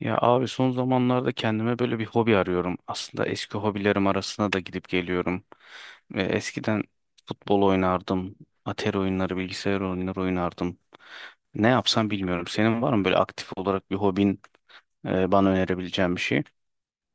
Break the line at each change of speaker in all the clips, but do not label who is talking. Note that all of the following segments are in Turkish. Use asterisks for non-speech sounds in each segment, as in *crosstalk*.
Ya abi son zamanlarda kendime böyle bir hobi arıyorum. Aslında eski hobilerim arasına da gidip geliyorum. Ve eskiden futbol oynardım, atari oyunları, bilgisayar oyunları oynardım. Ne yapsam bilmiyorum. Senin var mı böyle aktif olarak bir hobin, bana önerebileceğin bir şey?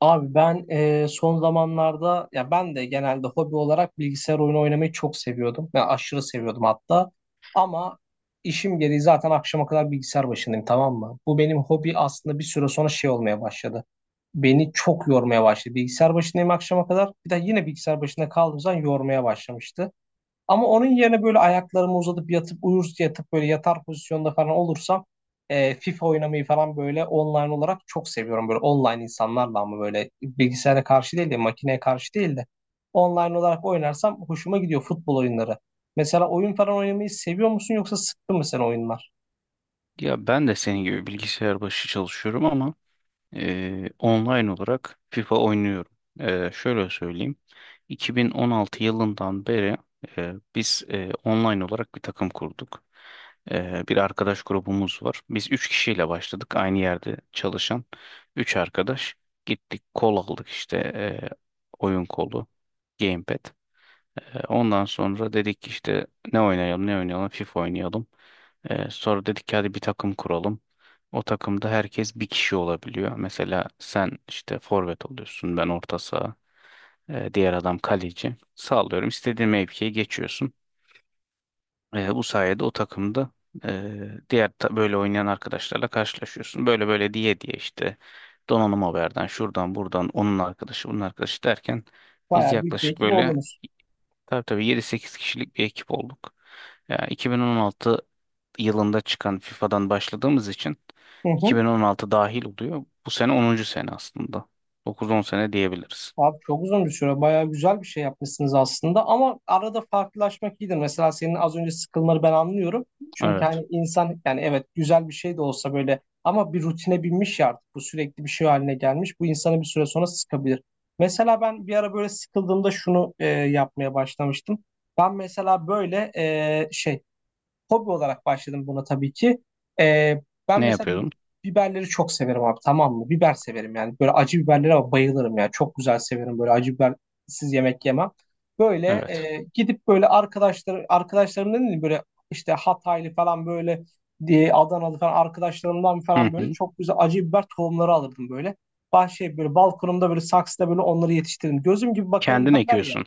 Abi ben son zamanlarda ya ben de genelde hobi olarak bilgisayar oyunu oynamayı çok seviyordum. Ben aşırı seviyordum hatta. Ama işim gereği zaten akşama kadar bilgisayar başındayım, tamam mı? Bu benim hobi aslında bir süre sonra şey olmaya başladı. Beni çok yormaya başladı. Bilgisayar başındayım akşama kadar. Bir de yine bilgisayar başında kaldığım zaman yormaya başlamıştı. Ama onun yerine böyle ayaklarımı uzatıp yatıp uyur yatıp böyle yatar pozisyonda falan olursam FIFA oynamayı falan böyle online olarak çok seviyorum. Böyle online insanlarla ama böyle bilgisayara karşı değil de makineye karşı değil de online olarak oynarsam hoşuma gidiyor futbol oyunları. Mesela oyun falan oynamayı seviyor musun yoksa sıktı mı sen oyunlar?
Ya ben de senin gibi bilgisayar başı çalışıyorum ama Online olarak FIFA oynuyorum. Şöyle söyleyeyim. 2016 yılından beri biz online olarak bir takım kurduk. Bir arkadaş grubumuz var. Biz 3 kişiyle başladık. Aynı yerde çalışan 3 arkadaş. Gittik kol aldık işte oyun kolu, gamepad. Ondan sonra dedik ki işte ne oynayalım ne oynayalım FIFA oynayalım. Sonra dedik ki hadi bir takım kuralım. O takımda herkes bir kişi olabiliyor. Mesela sen işte forvet oluyorsun, ben orta saha. Diğer adam kaleci. Sağlıyorum, istediğin mevkiye geçiyorsun. Bu sayede o takımda böyle oynayan arkadaşlarla karşılaşıyorsun. Böyle böyle diye diye işte donanım haberden, şuradan buradan, onun arkadaşı bunun arkadaşı derken, biz
Bayağı büyük bir
yaklaşık
ekip
böyle.
oldunuz.
Tabii tabii, yedi sekiz kişilik bir ekip olduk. Ya 2016 yılında çıkan FIFA'dan başladığımız için
Hı hı.
2016 dahil oluyor. Bu sene onuncu sene aslında. Dokuz on sene diyebiliriz.
Abi çok uzun bir süre bayağı güzel bir şey yapmışsınız aslında, ama arada farklılaşmak iyidir. Mesela senin az önce sıkılmanı ben anlıyorum. Çünkü
Evet.
hani insan, yani evet güzel bir şey de olsa böyle ama bir rutine binmiş ya, artık bu sürekli bir şey haline gelmiş. Bu insanı bir süre sonra sıkabilir. Mesela ben bir ara böyle sıkıldığımda şunu yapmaya başlamıştım. Ben mesela böyle e, şey, hobi olarak başladım buna tabii ki. Ee, ben
Ne
mesela
yapıyordum?
biberleri çok severim abi, tamam mı? Biber severim yani. Böyle acı biberlere bayılırım ya. Çok güzel severim, böyle acı bibersiz yemek yemem. Böyle
Evet.
gidip böyle arkadaşlarım dedim böyle işte Hataylı falan böyle diye Adanalı falan arkadaşlarımdan falan
Hı
böyle
hı.
çok güzel acı biber tohumları alırdım böyle. Bahçeye böyle balkonumda böyle saksıda böyle onları yetiştirdim. Gözüm gibi bakarım
Kendin
derler ya.
ekiyorsun,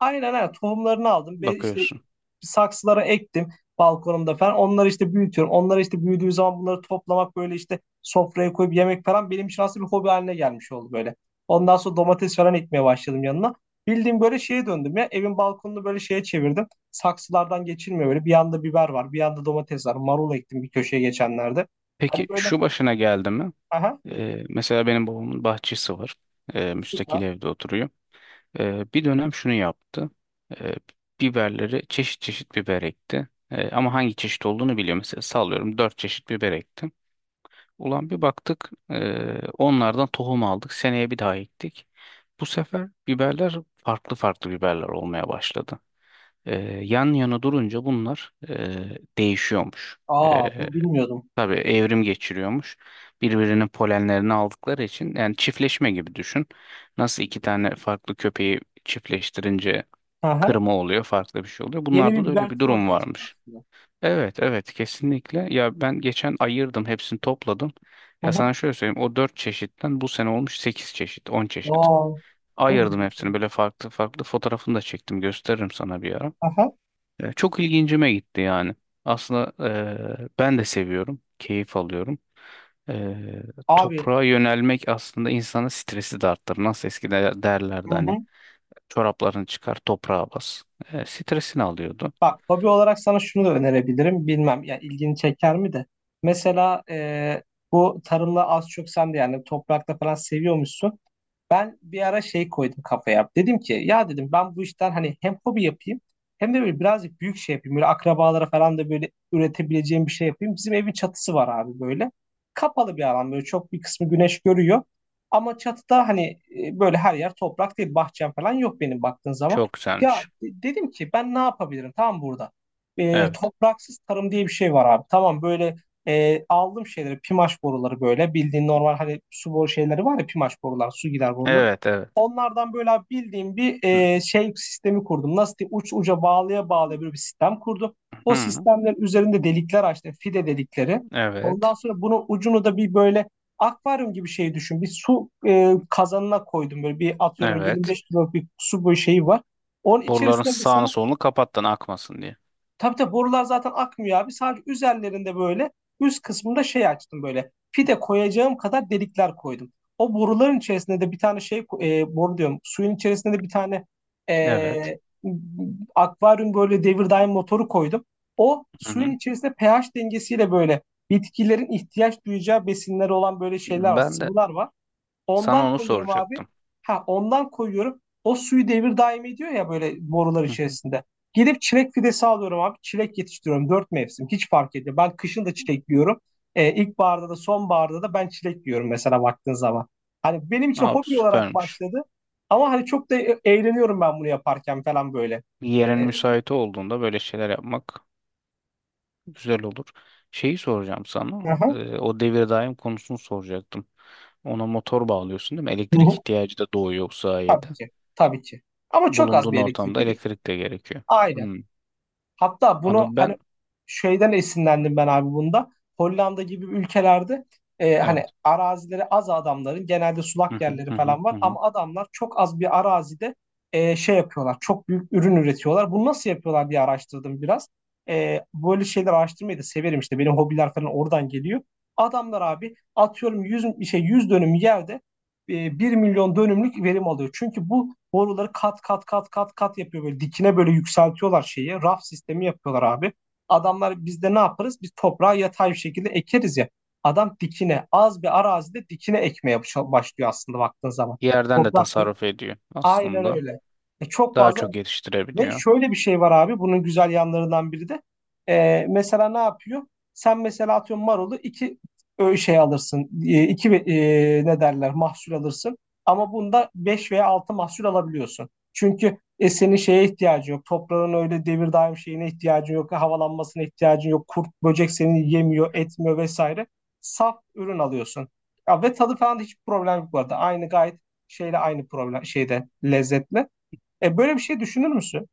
Aynen aynen tohumlarını aldım. Ve işte
bakıyorsun.
saksılara ektim balkonumda falan. Onları işte büyütüyorum. Onları işte büyüdüğü zaman bunları toplamak böyle işte sofraya koyup yemek falan benim için aslında bir hobi haline gelmiş oldu böyle. Ondan sonra domates falan ekmeye başladım yanına. Bildiğim böyle şeye döndüm ya. Evin balkonunu böyle şeye çevirdim. Saksılardan geçilmiyor böyle. Bir yanda biber var, bir yanda domates var. Marul ektim bir köşeye geçenlerde.
Peki
Hani böyle
şu başına geldi mi?
aha
Mesela benim babamın bahçesi var. Müstakil
süper.
evde oturuyor. Bir dönem şunu yaptı. Ee, biberleri çeşit çeşit biber ekti. Ama hangi çeşit olduğunu biliyor. Mesela sallıyorum, dört çeşit biber ektim. Ulan bir baktık, onlardan tohum aldık. Seneye bir daha ektik. Bu sefer biberler farklı farklı biberler olmaya başladı. Ee, yan yana durunca bunlar değişiyormuş.
Aa,
Ee,
bunu bilmiyordum.
tabii evrim geçiriyormuş. Birbirinin polenlerini aldıkları için, yani çiftleşme gibi düşün. Nasıl iki tane farklı köpeği çiftleştirince
Aha.
kırma oluyor, farklı bir şey oluyor.
Yeni bir
Bunlarda da öyle
biber
bir
türü
durum
ortaya çıktı
varmış.
aslında.
Evet, evet, kesinlikle. Ya ben geçen ayırdım, hepsini topladım.
Hı
Ya
hı.
sana şöyle söyleyeyim, o 4 çeşitten bu sene olmuş 8 çeşit, 10 çeşit.
Aa, çok iyi
Ayırdım
bir şey.
hepsini böyle farklı farklı, fotoğrafını da çektim, gösteririm sana bir ara.
Aha.
Çok ilgincime gitti yani. Aslında ben de seviyorum, keyif alıyorum. E,
Abi
toprağa yönelmek aslında insanın stresi de arttırır. Nasıl eskiden
hı
derlerdi hani,
hı.
çoraplarını çıkar toprağa bas. Stresini alıyordu.
Bak, hobi olarak sana şunu da önerebilirim. Bilmem ya ilgini çeker mi de. Mesela bu tarımla az çok sen de yani toprakta falan seviyormuşsun. Ben bir ara şey koydum kafaya. Dedim ki ya, dedim ben bu işten hani hem hobi yapayım hem de böyle birazcık büyük şey yapayım. Böyle akrabalara falan da böyle üretebileceğim bir şey yapayım. Bizim evin çatısı var abi böyle. Kapalı bir alan, böyle çok bir kısmı güneş görüyor. Ama çatıda hani böyle her yer toprak değil, bahçem falan yok benim baktığın zaman.
Çok
Ya
güzelmiş.
dedim ki ben ne yapabilirim tam burada. E,
Evet.
topraksız tarım diye bir şey var abi. Tamam böyle aldım şeyleri, pimaş boruları, böyle bildiğin normal hani su boru şeyleri var ya, pimaş borular, su gider boruları.
Evet, evet.
Onlardan böyle abi bildiğim bir
Hı,
şey sistemi kurdum. Nasıl diyeyim, uç uca bağlaya bağlaya böyle bir sistem kurdum. O
hı,
sistemlerin üzerinde delikler açtım, fide delikleri. Ondan
evet.
sonra bunun ucunu da bir böyle akvaryum gibi şey düşün. Bir su kazanına koydum, böyle bir atıyorum
Evet.
25 kiloluk bir su boyu şeyi var. Onun
Boruların
içerisinde mesela
sağını solunu kapattın akmasın diye.
tabii tabii borular zaten akmıyor abi. Sadece üzerlerinde böyle üst kısmında şey açtım böyle. Fide koyacağım kadar delikler koydum. O boruların içerisinde de bir tane şey boru diyorum. Suyun içerisinde de bir tane
Evet.
e, akvaryum böyle devir daim motoru koydum. O
Hı
suyun
hı.
içerisinde pH dengesiyle böyle bitkilerin ihtiyaç duyacağı besinleri olan böyle şeyler var,
Ben de
sıvılar var.
sana
Ondan
onu
koyuyorum abi.
soracaktım.
Ha, ondan koyuyorum. O suyu devir daim ediyor ya böyle borular
Hı hı.
içerisinde. Gidip çilek fidesi alıyorum abi. Çilek yetiştiriyorum. Dört mevsim. Hiç fark etmiyor. Ben kışın da çilek yiyorum. İlkbaharda da sonbaharda da ben çilek yiyorum mesela baktığın zaman. Hani benim için
Abi
hobi olarak
süpermiş.
başladı. Ama hani çok da eğleniyorum ben bunu yaparken falan böyle.
Yerin
Ee,
müsait olduğunda böyle şeyler yapmak güzel olur. Şeyi soracağım sana.
aha,
O devir daim konusunu soracaktım. Ona motor bağlıyorsun değil mi?
hı
Elektrik
hı,
ihtiyacı da doğuyor bu sayede.
tabii ki. Tabii ki. Ama çok az
Bulunduğun
bir elektrik
ortamda
gidiyor.
elektrik de gerekiyor.
Aynen.
Hmm.
Hatta bunu
Anladım
hani
ben.
şeyden esinlendim ben abi bunda. Hollanda gibi ülkelerde hani
Evet.
arazileri az adamların genelde
Hı
sulak
hı
yerleri
hı hı
falan var
hı. Hı.
ama adamlar çok az bir arazide şey yapıyorlar. Çok büyük ürün üretiyorlar. Bunu nasıl yapıyorlar diye araştırdım biraz. E, böyle şeyler araştırmayı da severim işte. Benim hobiler falan oradan geliyor. Adamlar abi atıyorum 100 şey 100 dönüm yerde 1 milyon dönümlük verim alıyor. Çünkü bu boruları kat kat kat kat kat yapıyor böyle, dikine böyle yükseltiyorlar şeyi. Raf sistemi yapıyorlar abi. Adamlar, biz de ne yaparız? Biz toprağı yatay bir şekilde ekeriz ya. Adam dikine az bir arazide dikine ekmeye başlıyor aslında baktığın zaman.
Yerden de
Toprak değil.
tasarruf ediyor
Aynen
aslında.
öyle. E, çok
Daha
fazla
çok
ve
yetiştirebiliyor.
şöyle bir şey var abi bunun güzel yanlarından biri de. Mesela ne yapıyor? Sen mesela atıyorum marulu iki şey alırsın. İki ne derler, mahsul alırsın. Ama bunda 5 veya 6 mahsul alabiliyorsun. Çünkü senin şeye ihtiyacın yok. Toprağın öyle devir daim şeyine ihtiyacın yok. Havalanmasına ihtiyacın yok. Kurt, böcek seni yemiyor, etmiyor vesaire. Saf ürün alıyorsun. Ya, ve tadı falan da hiç problem yok bu arada. Aynı gayet şeyle aynı problem şeyde lezzetle. E, böyle bir şey düşünür müsün?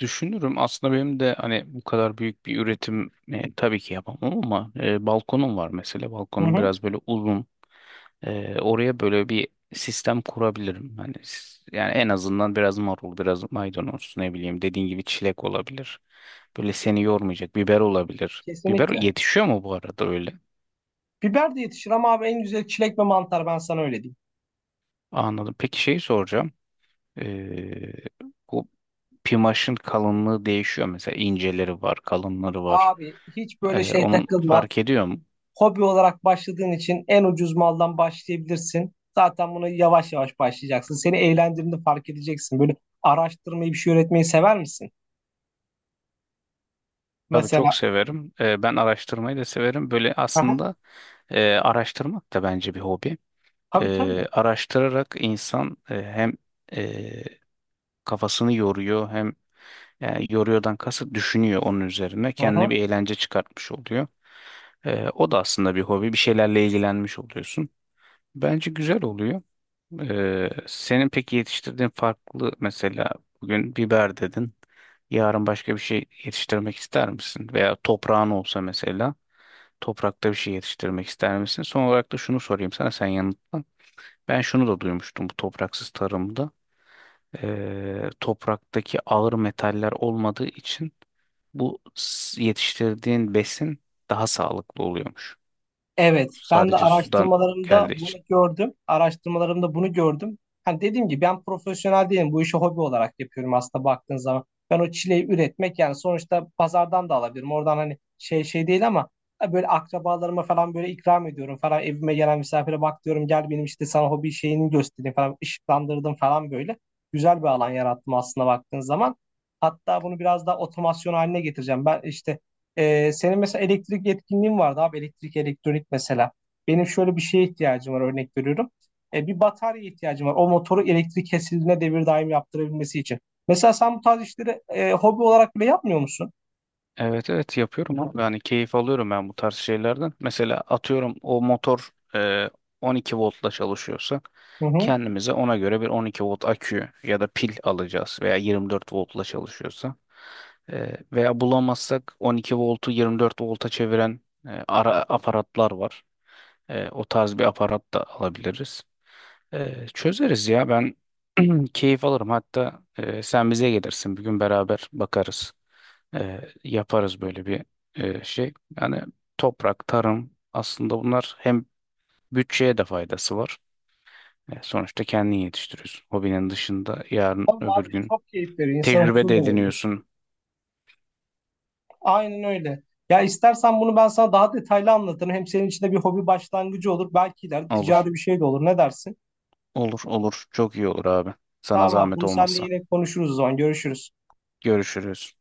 Düşünürüm aslında. Benim de hani bu kadar büyük bir üretim tabii ki yapamam ama balkonum var mesela.
Hı
Balkonum
hı,
biraz böyle uzun. Oraya böyle bir sistem kurabilirim. Hani yani en azından biraz marul, biraz maydanoz, ne bileyim, dediğin gibi çilek olabilir. Böyle seni yormayacak biber olabilir. Biber
kesinlikle.
yetişiyor mu bu arada öyle?
Biber de yetişir ama abi en güzel çilek ve mantar, ben sana öyle diyeyim.
Anladım. Peki şeyi soracağım. Ee, bu pimaşın kalınlığı değişiyor. Mesela inceleri var, kalınları var.
Abi hiç
Ee,
böyle şey
onun
takılma.
fark ediyor mu?
Hobi olarak başladığın için en ucuz maldan başlayabilirsin. Zaten bunu yavaş yavaş başlayacaksın. Seni eğlendirdiğini fark edeceksin. Böyle araştırmayı, bir şey üretmeyi sever misin?
Tabii çok
Mesela.
severim. Ben araştırmayı da severim. Böyle
Aha,
aslında araştırmak da bence bir hobi.
tabii tabii.
Araştırarak insan hem e, kafasını yoruyor, hem yani yoruyordan kasıt düşünüyor onun üzerine.
Hı
Kendine
hı.
bir eğlence çıkartmış oluyor. O da aslında bir hobi. Bir şeylerle ilgilenmiş oluyorsun. Bence güzel oluyor. Senin peki yetiştirdiğin farklı, mesela bugün biber dedin. Yarın başka bir şey yetiştirmek ister misin? Veya toprağın olsa mesela toprakta bir şey yetiştirmek ister misin? Son olarak da şunu sorayım sana, sen yanıtla. Ben şunu da duymuştum bu topraksız tarımda. Topraktaki ağır metaller olmadığı için bu yetiştirdiğin besin daha sağlıklı oluyormuş.
Evet, ben de
Sadece sudan
araştırmalarımda
geldiği
bunu
için.
gördüm. Araştırmalarımda bunu gördüm. Hani dediğim gibi ben profesyonel değilim. Bu işi hobi olarak yapıyorum aslında baktığın zaman. Ben o çileyi üretmek yani sonuçta pazardan da alabilirim. Oradan hani şey şey değil ama böyle akrabalarıma falan böyle ikram ediyorum falan. Evime gelen misafire bak diyorum, gel benim işte sana hobi şeyini göstereyim falan. Işıklandırdım falan böyle. Güzel bir alan yarattım aslında baktığın zaman. Hatta bunu biraz daha otomasyon haline getireceğim. Ben işte senin mesela elektrik yetkinliğin vardı abi, elektrik elektronik mesela. Benim şöyle bir şeye ihtiyacım var, örnek veriyorum. Bir batarya ihtiyacım var. O motoru elektrik kesildiğine devir daim yaptırabilmesi için. Mesela sen bu tarz işleri hobi olarak bile yapmıyor musun?
Evet evet yapıyorum abi. Yani keyif alıyorum ben bu tarz şeylerden. Mesela atıyorum, o motor 12 voltla çalışıyorsa
Hı hı.
kendimize ona göre bir 12 volt akü ya da pil alacağız, veya 24 voltla çalışıyorsa. Veya bulamazsak 12 voltu 24 volta çeviren ara aparatlar var. O tarz bir aparat da alabiliriz. Çözeriz ya, ben *clears throat* keyif alırım. Hatta sen bize gelirsin bir gün, beraber bakarız, yaparız böyle bir şey. Yani toprak, tarım, aslında bunlar hem bütçeye de faydası var. Sonuçta kendin yetiştiriyorsun. Hobinin dışında yarın
Tabii
öbür
abi
gün
çok keyif veriyor. İnsanı
tecrübe
huzur
de
da veriyor.
ediniyorsun.
Aynen öyle. Ya istersen bunu ben sana daha detaylı anlatırım. Hem senin için de bir hobi başlangıcı olur. Belki ileride
Olur.
ticari bir şey de olur. Ne dersin?
Olur olur. Çok iyi olur abi. Sana
Tamam abi,
zahmet
bunu seninle
olmazsa.
yine konuşuruz o zaman. Görüşürüz.
Görüşürüz.